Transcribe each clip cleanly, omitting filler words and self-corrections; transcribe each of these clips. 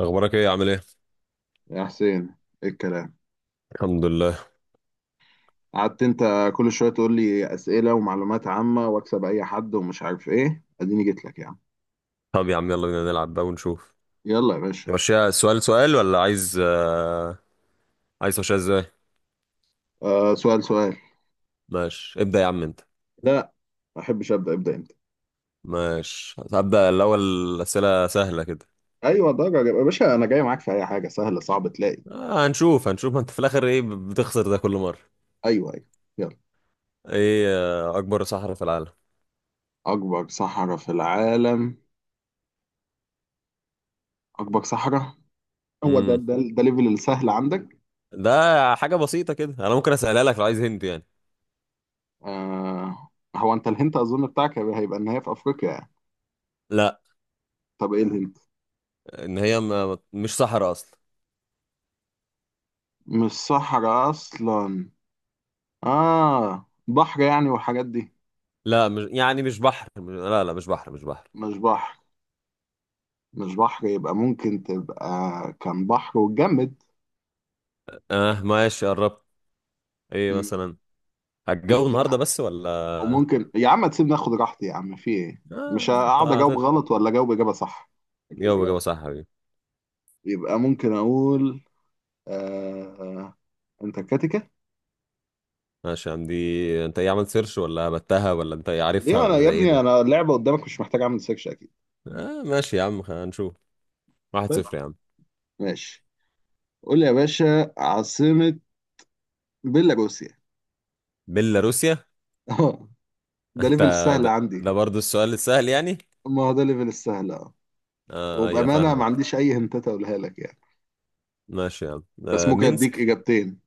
اخبارك ايه؟ عامل ايه؟ يا حسين، ايه الكلام؟ الحمد لله. قعدت انت كل شويه تقول لي اسئله ومعلومات عامه واكسب اي حد ومش عارف ايه، اديني جيت لك يا عم. طب يا عم، يلا بينا نلعب بقى ونشوف. يلا يا باشا. نمشيها سؤال سؤال ولا عايز؟ عايز تمشيها ازاي؟ آه، سؤال سؤال. ماشي، ابدأ يا عم انت. لا، ما احبش ابدا ابدا. انت ماشي هبدأ الاول. اسئلة سهلة كده. ايوه درجه يا باشا، انا جاي معاك. في اي حاجه سهله صعب تلاقي. هنشوف هنشوف، ما انت في الاخر ايه بتخسر ده كل مرة. ايوه، ايوه. يلا. ايه؟ اكبر صحراء في العالم. اكبر صحراء في العالم. اكبر صحراء. هو ده امم ليفل السهل عندك؟ ده حاجة بسيطة كده، انا ممكن اسألها لك لو عايز هنت يعني. آه. هو انت الهنت اظن بتاعك هيبقى ان هي في افريقيا يعني. لا. طب ايه الهنت؟ ان هي مش صحراء اصلا. مش صحراء اصلا. آه، بحر يعني والحاجات دي. لا مش يعني، مش بحر، لا لا مش بحر مش بحر. مش بحر. مش بحر، يبقى ممكن تبقى كان بحر واتجمد. اه ماشي قربت. ايه مم. مثلا؟ هتجو ممكن النهارده تبقى. بس ولا؟ وممكن يا عم تسيبني اخد راحتي يا عم في ايه. مش آه انت هقعد اجاوب هت- غلط ولا اجاوب اجابة صح. أكيد جو إجابة جو صح صح. يا حبيبي. يبقى ممكن اقول آه... انتاركتيكا. ماشي يا عم، دي انت ايه؟ عملت سيرش ولا هبتها ولا انت ايه عارفها ليه انا ولا يا ده ايه ابني، ده؟ انا اللعبة قدامك مش محتاج اعمل سيرش اكيد. ماشي يا عم، هنشوف. واحد طيب. صفر يا عم. ماشي، قول لي يا باشا عاصمة بيلاروسيا. بيلاروسيا. اه، ده انت، ليفل السهل عندي. ده برضو السؤال السهل يعني؟ ما هو ده ليفل السهل اه. اه ايوه وبأمانة ما فاهمك. عنديش أي هنتات أقولها لك يعني، ماشي يا عم. بس ممكن أديك مينسك. إجابتين.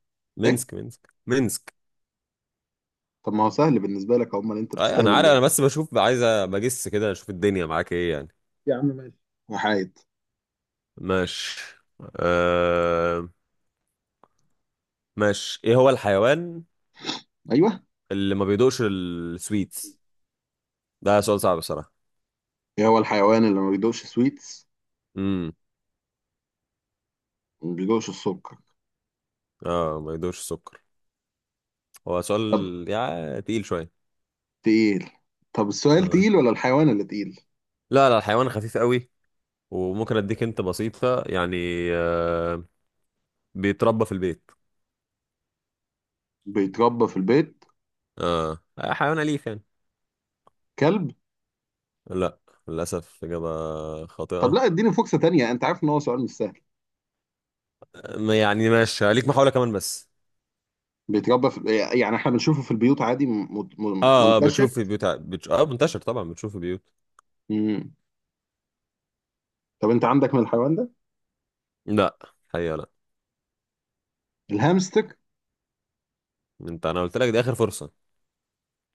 إيه؟ مينسك مينسك مينسك. طب ما هو سهل بالنسبة لك، أمال أنت ايوه انا بتستهبل عارف، انا ليه؟ بس بشوف، عايز بجس كده اشوف الدنيا معاك ايه يعني. يا عم ماشي. وحايد. ماشي. آه ماشي، ايه هو الحيوان أيوه. اللي ما بيدوقش السويتس؟ ده سؤال صعب بصراحة. إيه هو الحيوان اللي ما بيدوقش سويتس امم وما بيدوقش السكر؟ اه، ما يدوقش السكر. هو سؤال طب يعني تقيل شوية. تقيل. طب السؤال آه. تقيل ولا الحيوان اللي تقيل؟ لا لا، الحيوان خفيف قوي، وممكن اديك انت بسيطة يعني. آه بيتربى في البيت. بيتربى في البيت. اه، حيوان أليف يعني. كلب. لا، للأسف إجابة طب خاطئة. لا، اديني فرصة تانية، أنت عارف إن هو سؤال مش سهل. يعني ماشي، ليك محاولة كمان بس. بيتربى في، يعني إحنا بنشوفه في البيوت عادي. اه اه، منتشر. بتشوف في بيوت، منتشر طبعا، بتشوف في بيوت. مم. طب أنت عندك من الحيوان ده؟ لا، حقيقة لا. الهامستر. انت انا قلت لك دي اخر فرصة.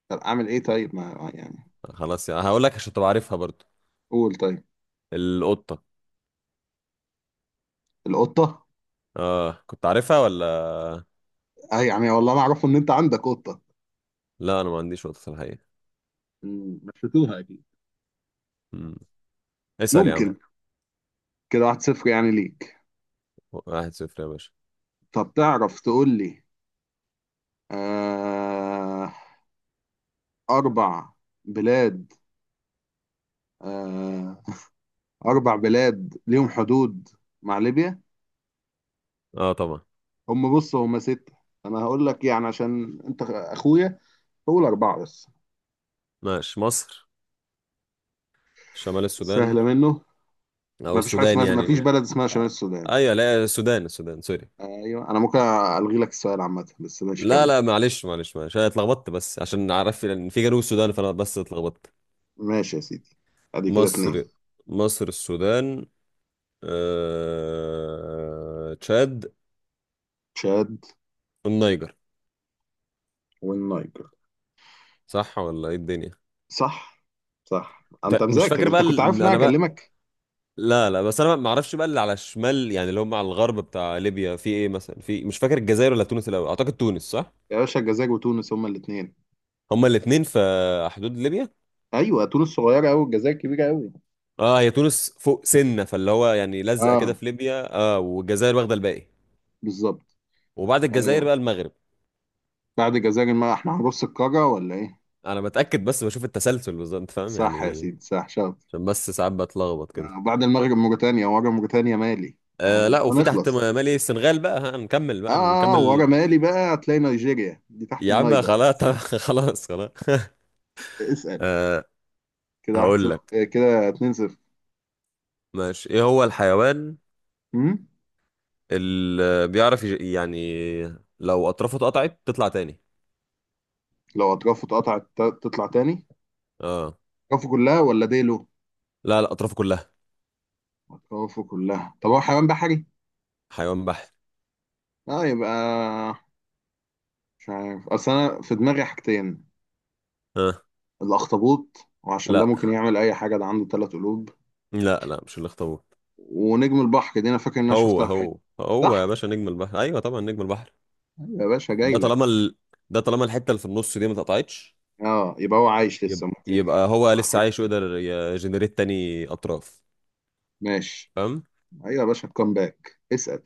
طب أعمل إيه طيب، ما يعني. خلاص يعني، هقول لك عشان تبقى عارفها برضو. قول طيب. القطة. القطة. اه، كنت عارفها ولا؟ أي يعني، والله أنا أعرفه إن أنت عندك قطة. لا، انا ما عنديش نقطة في الحقيقة. مشيتوها اكيد. مم. اسأل يا عم. ممكن. كده واحد صفر يعني ليك. 1-0 يا باشا. طب تعرف تقول لي آه أربع بلاد آه أربع بلاد ليهم حدود مع ليبيا. اه طبعا. هم، بص، هم ستة. أنا هقول لك يعني عشان أنت أخويا، هقول أربعة بس. ماشي، مصر، شمال السودان، سهلة منه. او السودان ما يعني، فيش مش... بلد اسمها آه، شمال السودان. ايوه لا، السودان السودان، سوري. أيوه، أنا ممكن ألغي لك السؤال عامة، بس ماشي لا كمل. لا، معلش معلش معلش، انا اتلخبطت بس عشان عارف ان في جنوب السودان، فانا بس اتلخبطت. ماشي يا سيدي. أدي كده اتنين. مصر، مصر السودان، تشاد، تشاد. النيجر. والنيجر. صح ولا ايه الدنيا؟ صح. صح، انت مش مذاكر فاكر بقى انت كنت عارف ان انا انا بقى. هكلمك. لا لا، بس انا ما اعرفش بقى اللي على الشمال، يعني اللي هم على الغرب بتاع ليبيا في ايه مثلا. في... مش فاكر الجزائر ولا تونس الاول، اعتقد تونس صح. يا باشا، الجزائر وتونس هما الاثنين. هما الاثنين في حدود ليبيا. ايوه، تونس صغيره قوي، الجزائر كبيره قوي. اه هي تونس فوق سنه، فاللي هو يعني لزقه كده اه، في ليبيا، اه، والجزائر واخده الباقي. بالظبط. وبعد الجزائر آه. بقى المغرب. بعد الجزائر، ما احنا هنرص القاره ولا ايه؟ انا بتاكد بس بشوف التسلسل بالظبط، انت فاهم صح يا يعني. سيدي، صح شاطر. عشان بس ساعات بتلخبط كده. آه. بعد المغرب موريتانيا، ورا موريتانيا مالي. احنا لا، مش وفي تحت هنخلص. مالي، السنغال بقى. ها نكمل اه. بقى ورا نكمل. مالي بقى هتلاقي نيجيريا دي تحت يا عم النيجر. خلاص خلاص خلاص اسأل. آه هقول لك. كده اتنين صفر. ماشي، ايه هو الحيوان مم؟ اللي بيعرف يعني لو اطرافه اتقطعت تطلع تاني؟ لو اطرافه اتقطعت، تطلع تاني. اه، اطرافه كلها ولا ديله؟ لا لا، اطرافه كلها. خوفه كلها. طب هو حيوان بحري؟ حيوان بحر. اه، يبقى مش عارف، اصل انا في دماغي حاجتين: اه، الاخطبوط، وعشان ده لا ممكن يعمل اي حاجه ده عنده ثلاث قلوب، لا لا، مش الاخطبوط. ونجم البحر، دي انا فاكر ان انا هو شفتها في حته. هو هو يا صح؟ باشا، نجم البحر، ايوه طبعا نجم البحر. أيوة يا باشا جاي ده لك. طالما ال... ده طالما الحته اللي في النص دي ما اتقطعتش. اه، يبقى هو عايش لسه ممكن يبقى هو يطلع لسه حاجه. عايش ويقدر يجنريت تاني اطراف. ماشي. فاهم؟ ايوه يا باشا، كم باك. اسال.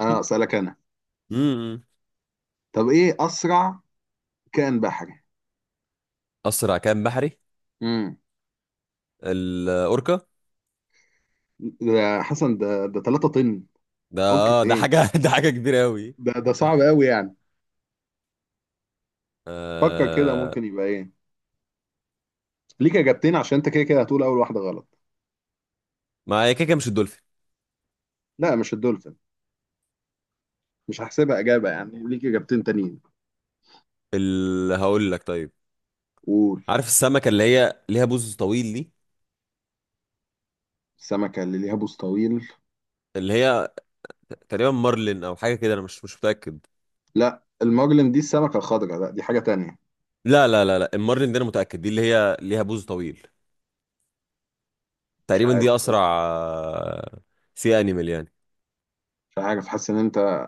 اه، اسالك انا. امم. طب ايه اسرع كائن بحري؟ اسرع كائن بحري. امم. الاوركا. ده حسن. ده 3 طن. ممكن ده ايه؟ حاجه ده حاجه كبيره قوي. ده صعب قوي يعني. فكر كده، آه... ممكن يبقى ايه؟ ليك اجابتين عشان انت كده كده هتقول اول واحده غلط. ما هي كده كده، مش الدولفين؟ لا، مش الدولفين. مش هحسبها اجابه يعني، ليك اجابتين تانيين. اللي هقول لك طيب، قول. عارف السمكة اللي هي ليها بوز طويل دي؟ السمكه اللي ليها بوز طويل؟ اللي هي تقريبا مارلين او حاجة كده، انا مش متأكد. لا، المجرم دي السمكه الخضراء، لا دي حاجه تانية. لا لا لا لا، المارلين دي انا متأكد، دي اللي هي ليها بوز طويل، مش تقريبا دي عارف. اسرع. آه، سي انيمال يعني. مش عارف، حاسس ان انت.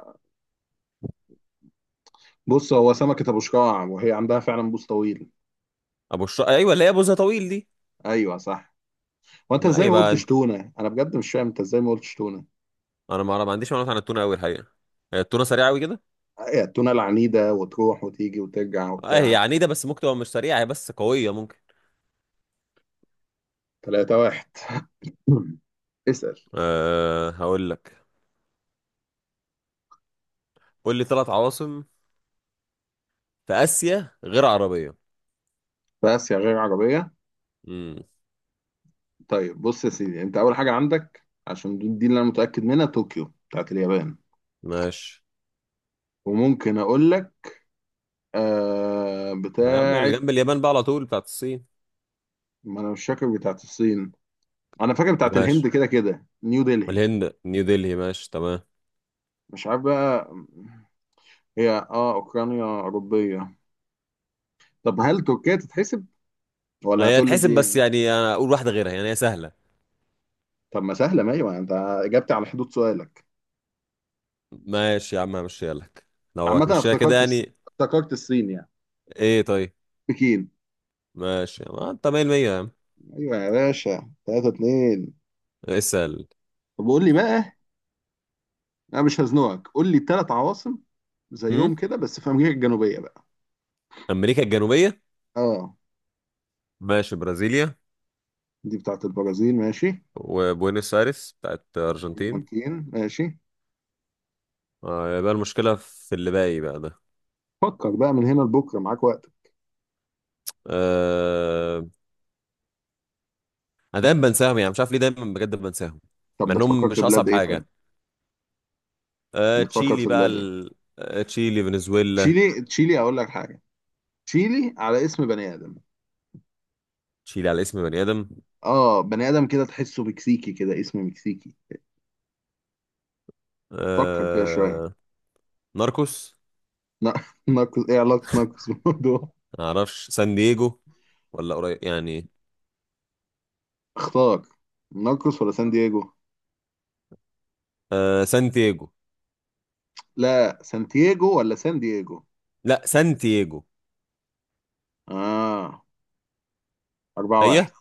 بص، هو سمكه ابو شراع وهي عندها فعلا بوز طويل. ابو الشر، ايوه اللي هي بوزها طويل دي. ايوه صح. وانت ما ازاي ما يبقى قلتش انت- تونه؟ انا بجد مش فاهم انت ازاي ما قلتش تونه. انا ما عنديش معلومات عن التونة قوي الحقيقة. هي التونة سريعة قوي كده؟ هي التونه العنيده، وتروح وتيجي وترجع اه هي وبتاع. عنيدة، بس ممكن تبقى مش سريعة، هي بس قوية ممكن. 3 واحد. اسال. هقول لك. قول لي ثلاث عواصم في اسيا غير عربية. في اسيا غير عربيه؟ امم. طيب بص يا سيدي، انت اول حاجه عندك عشان دي اللي انا متاكد منها طوكيو بتاعت اليابان. ماشي. وممكن اقول لك يا عم اللي بتاعت. جنب اليابان بقى على طول بتاعت الصين. ما انا مش فاكر بتاعت الصين، انا فاكر بتاعت الهند، ماشي، كده كده نيو دلهي. الهند نيو دلهي، ماشي تمام. مش عارف بقى. هي اه، اوكرانيا اوروبيه. طب هل تركيا تتحسب ولا هي هتقول لي تحسب بس دي؟ يعني، انا اقول واحدة غيرها، يعني هي سهلة. طب ما سهله، ما ايوه انت اجبت على حدود سؤالك. ماشي يا عم همشيها لك، لو عامه انا هتمشيها كده يعني. افتكرت الصين يعني. ايه طيب. بكين. ماشي، ما انت 100% يا عم. ايوه يا باشا، 3-2. اسأل. طب قول لي بقى، انا مش هزنقك، قول لي ثلاث عواصم زيهم هم. كده بس في امريكا الجنوبيه بقى. امريكا الجنوبية. اه، ماشي، برازيليا، دي بتاعت البرازيل ماشي. وبوينس ايرس بتاعت ارجنتين. الارجنتين ماشي. يبقى المشكلة في اللي باقي بقى ده. فكر بقى، من هنا لبكره معاك وقت. آه... انا دايما بنساهم، يعني مش عارف ليه دايما بجد بنساهم، طب مع انهم بتفكر في مش اصعب بلاد ايه طيب؟ حاجة. بتفكر تشيلي في بقى بلاد ايه؟ تشيلي، فنزويلا. تشيلي. تشيلي، اقول لك حاجه. تشيلي على اسم بني ادم. تشيلي على اسم بني آدم. اه، بني ادم كده تحسه مكسيكي، كده اسم مكسيكي. فكر كده شويه. آه ناركوس. نا- ناقص، ايه علاقه ناقص بالموضوع؟ ما اعرفش، سان دييجو؟ ولا قريب يعني. اختار، ناقص ولا سان دييجو؟ سانتياجو. لا سانتياجو ولا سان دييجو؟ لا، سانتياجو. اه، أربعة واحد. هي.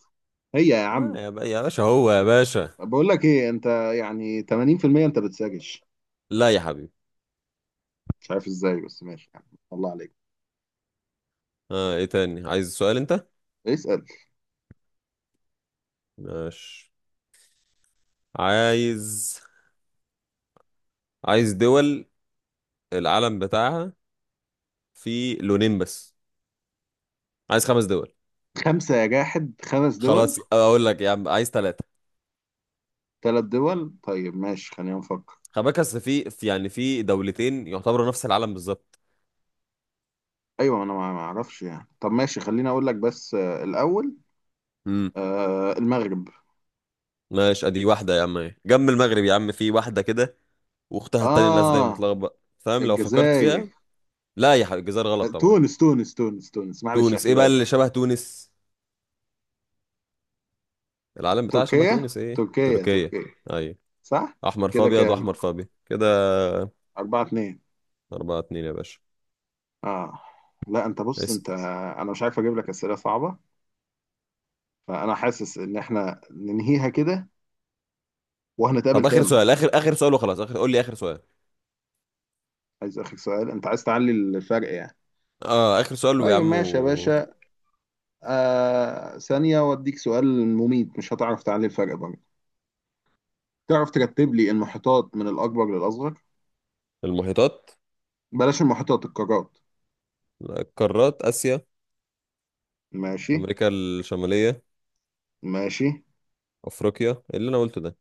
هي يا عم، يا باشا، هو يا باشا. بقول لك ايه انت، يعني 80% انت بتساجش. لا يا حبيبي. مش عارف ازاي بس ماشي يعني. الله عليك. ايه تاني؟ عايز سؤال انت؟ اسأل. ماشي. عايز عايز دول العلم بتاعها في لونين بس. عايز خمس دول. خمسة يا جاحد، خمس دول. خلاص اقول لك يا عم، عايز ثلاثة. ثلاث دول طيب، ماشي خلينا نفكر. خلي بالك اصل يعني في دولتين يعتبروا نفس العالم بالظبط. ايوه، انا ما اعرفش يعني. طب ماشي خليني اقول لك بس الاول امم. المغرب. ماشي، ادي واحده يا عم اهي. جنب المغرب يا عم في واحده كده، واختها التانية الناس دايما اه، بتلخبط، فاهم لو فكرت الجزائر. فيها. لا يا حبيبي، الجزائر غلط طبعا. تونس تونس تونس تونس، معلش تونس، ايه احسبها بقى لي. اللي شبه تونس؟ العالم بتاعها شبه تركيا. تونس. ايه؟ تركيا تركيا. تركيا. ايوه. صح. احمر في كده ابيض، واحمر كام؟ في ابيض كده. أربعة اتنين. 4-2 يا باشا. اه. لا، انت بص اسأل. انت انا مش عارف اجيب لك اسئله صعبه، فانا حاسس ان احنا ننهيها كده وهنتقابل طب اخر تاني. سؤال، اخر اخر سؤال وخلاص، اخر، قول لي اخر سؤال. عايز اخر سؤال؟ انت عايز تعلي الفرق يعني. اه، اخر سؤال ويا طيب عم ماشي يا باشا. آه، ثانية واديك سؤال مميت مش هتعرف تعلي الفرق برضه. تعرف ترتب لي المحيطات من الأكبر للأصغر؟ المحيطات، بلاش المحيطات، القارات. القارات. اسيا، ماشي. امريكا الشماليه، ماشي. افريقيا. إيه اللي انا قلته ده؟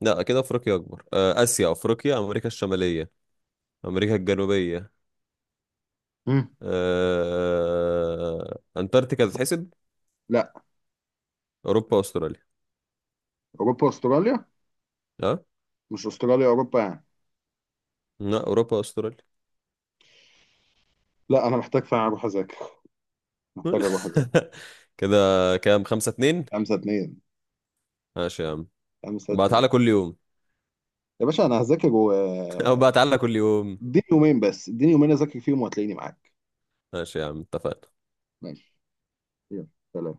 لا كده، افريقيا اكبر، اسيا، افريقيا، امريكا الشماليه، امريكا الجنوبيه. مم. انتاركتيكا تتحسب؟ لا، اوروبا، استراليا. أوروبا أستراليا. ها؟ مش أستراليا أوروبا يعني. لا، اوروبا استراليا. لا، أنا محتاج فعلا أروح أذاكر. محتاج أروح أذاكر. كده. كام؟ 5-2. خمسة اتنين. ماشي يا عم. خمسة بقى اتنين. تعالى كل يوم. يا باشا أنا هذاكر و او بقى آه، تعالى كل يوم. اديني يومين بس، اديني يومين أذاكر فيهم وهتلاقيني معاك. ماشي يا عم اتفقنا. ماشي. يلا. سلام.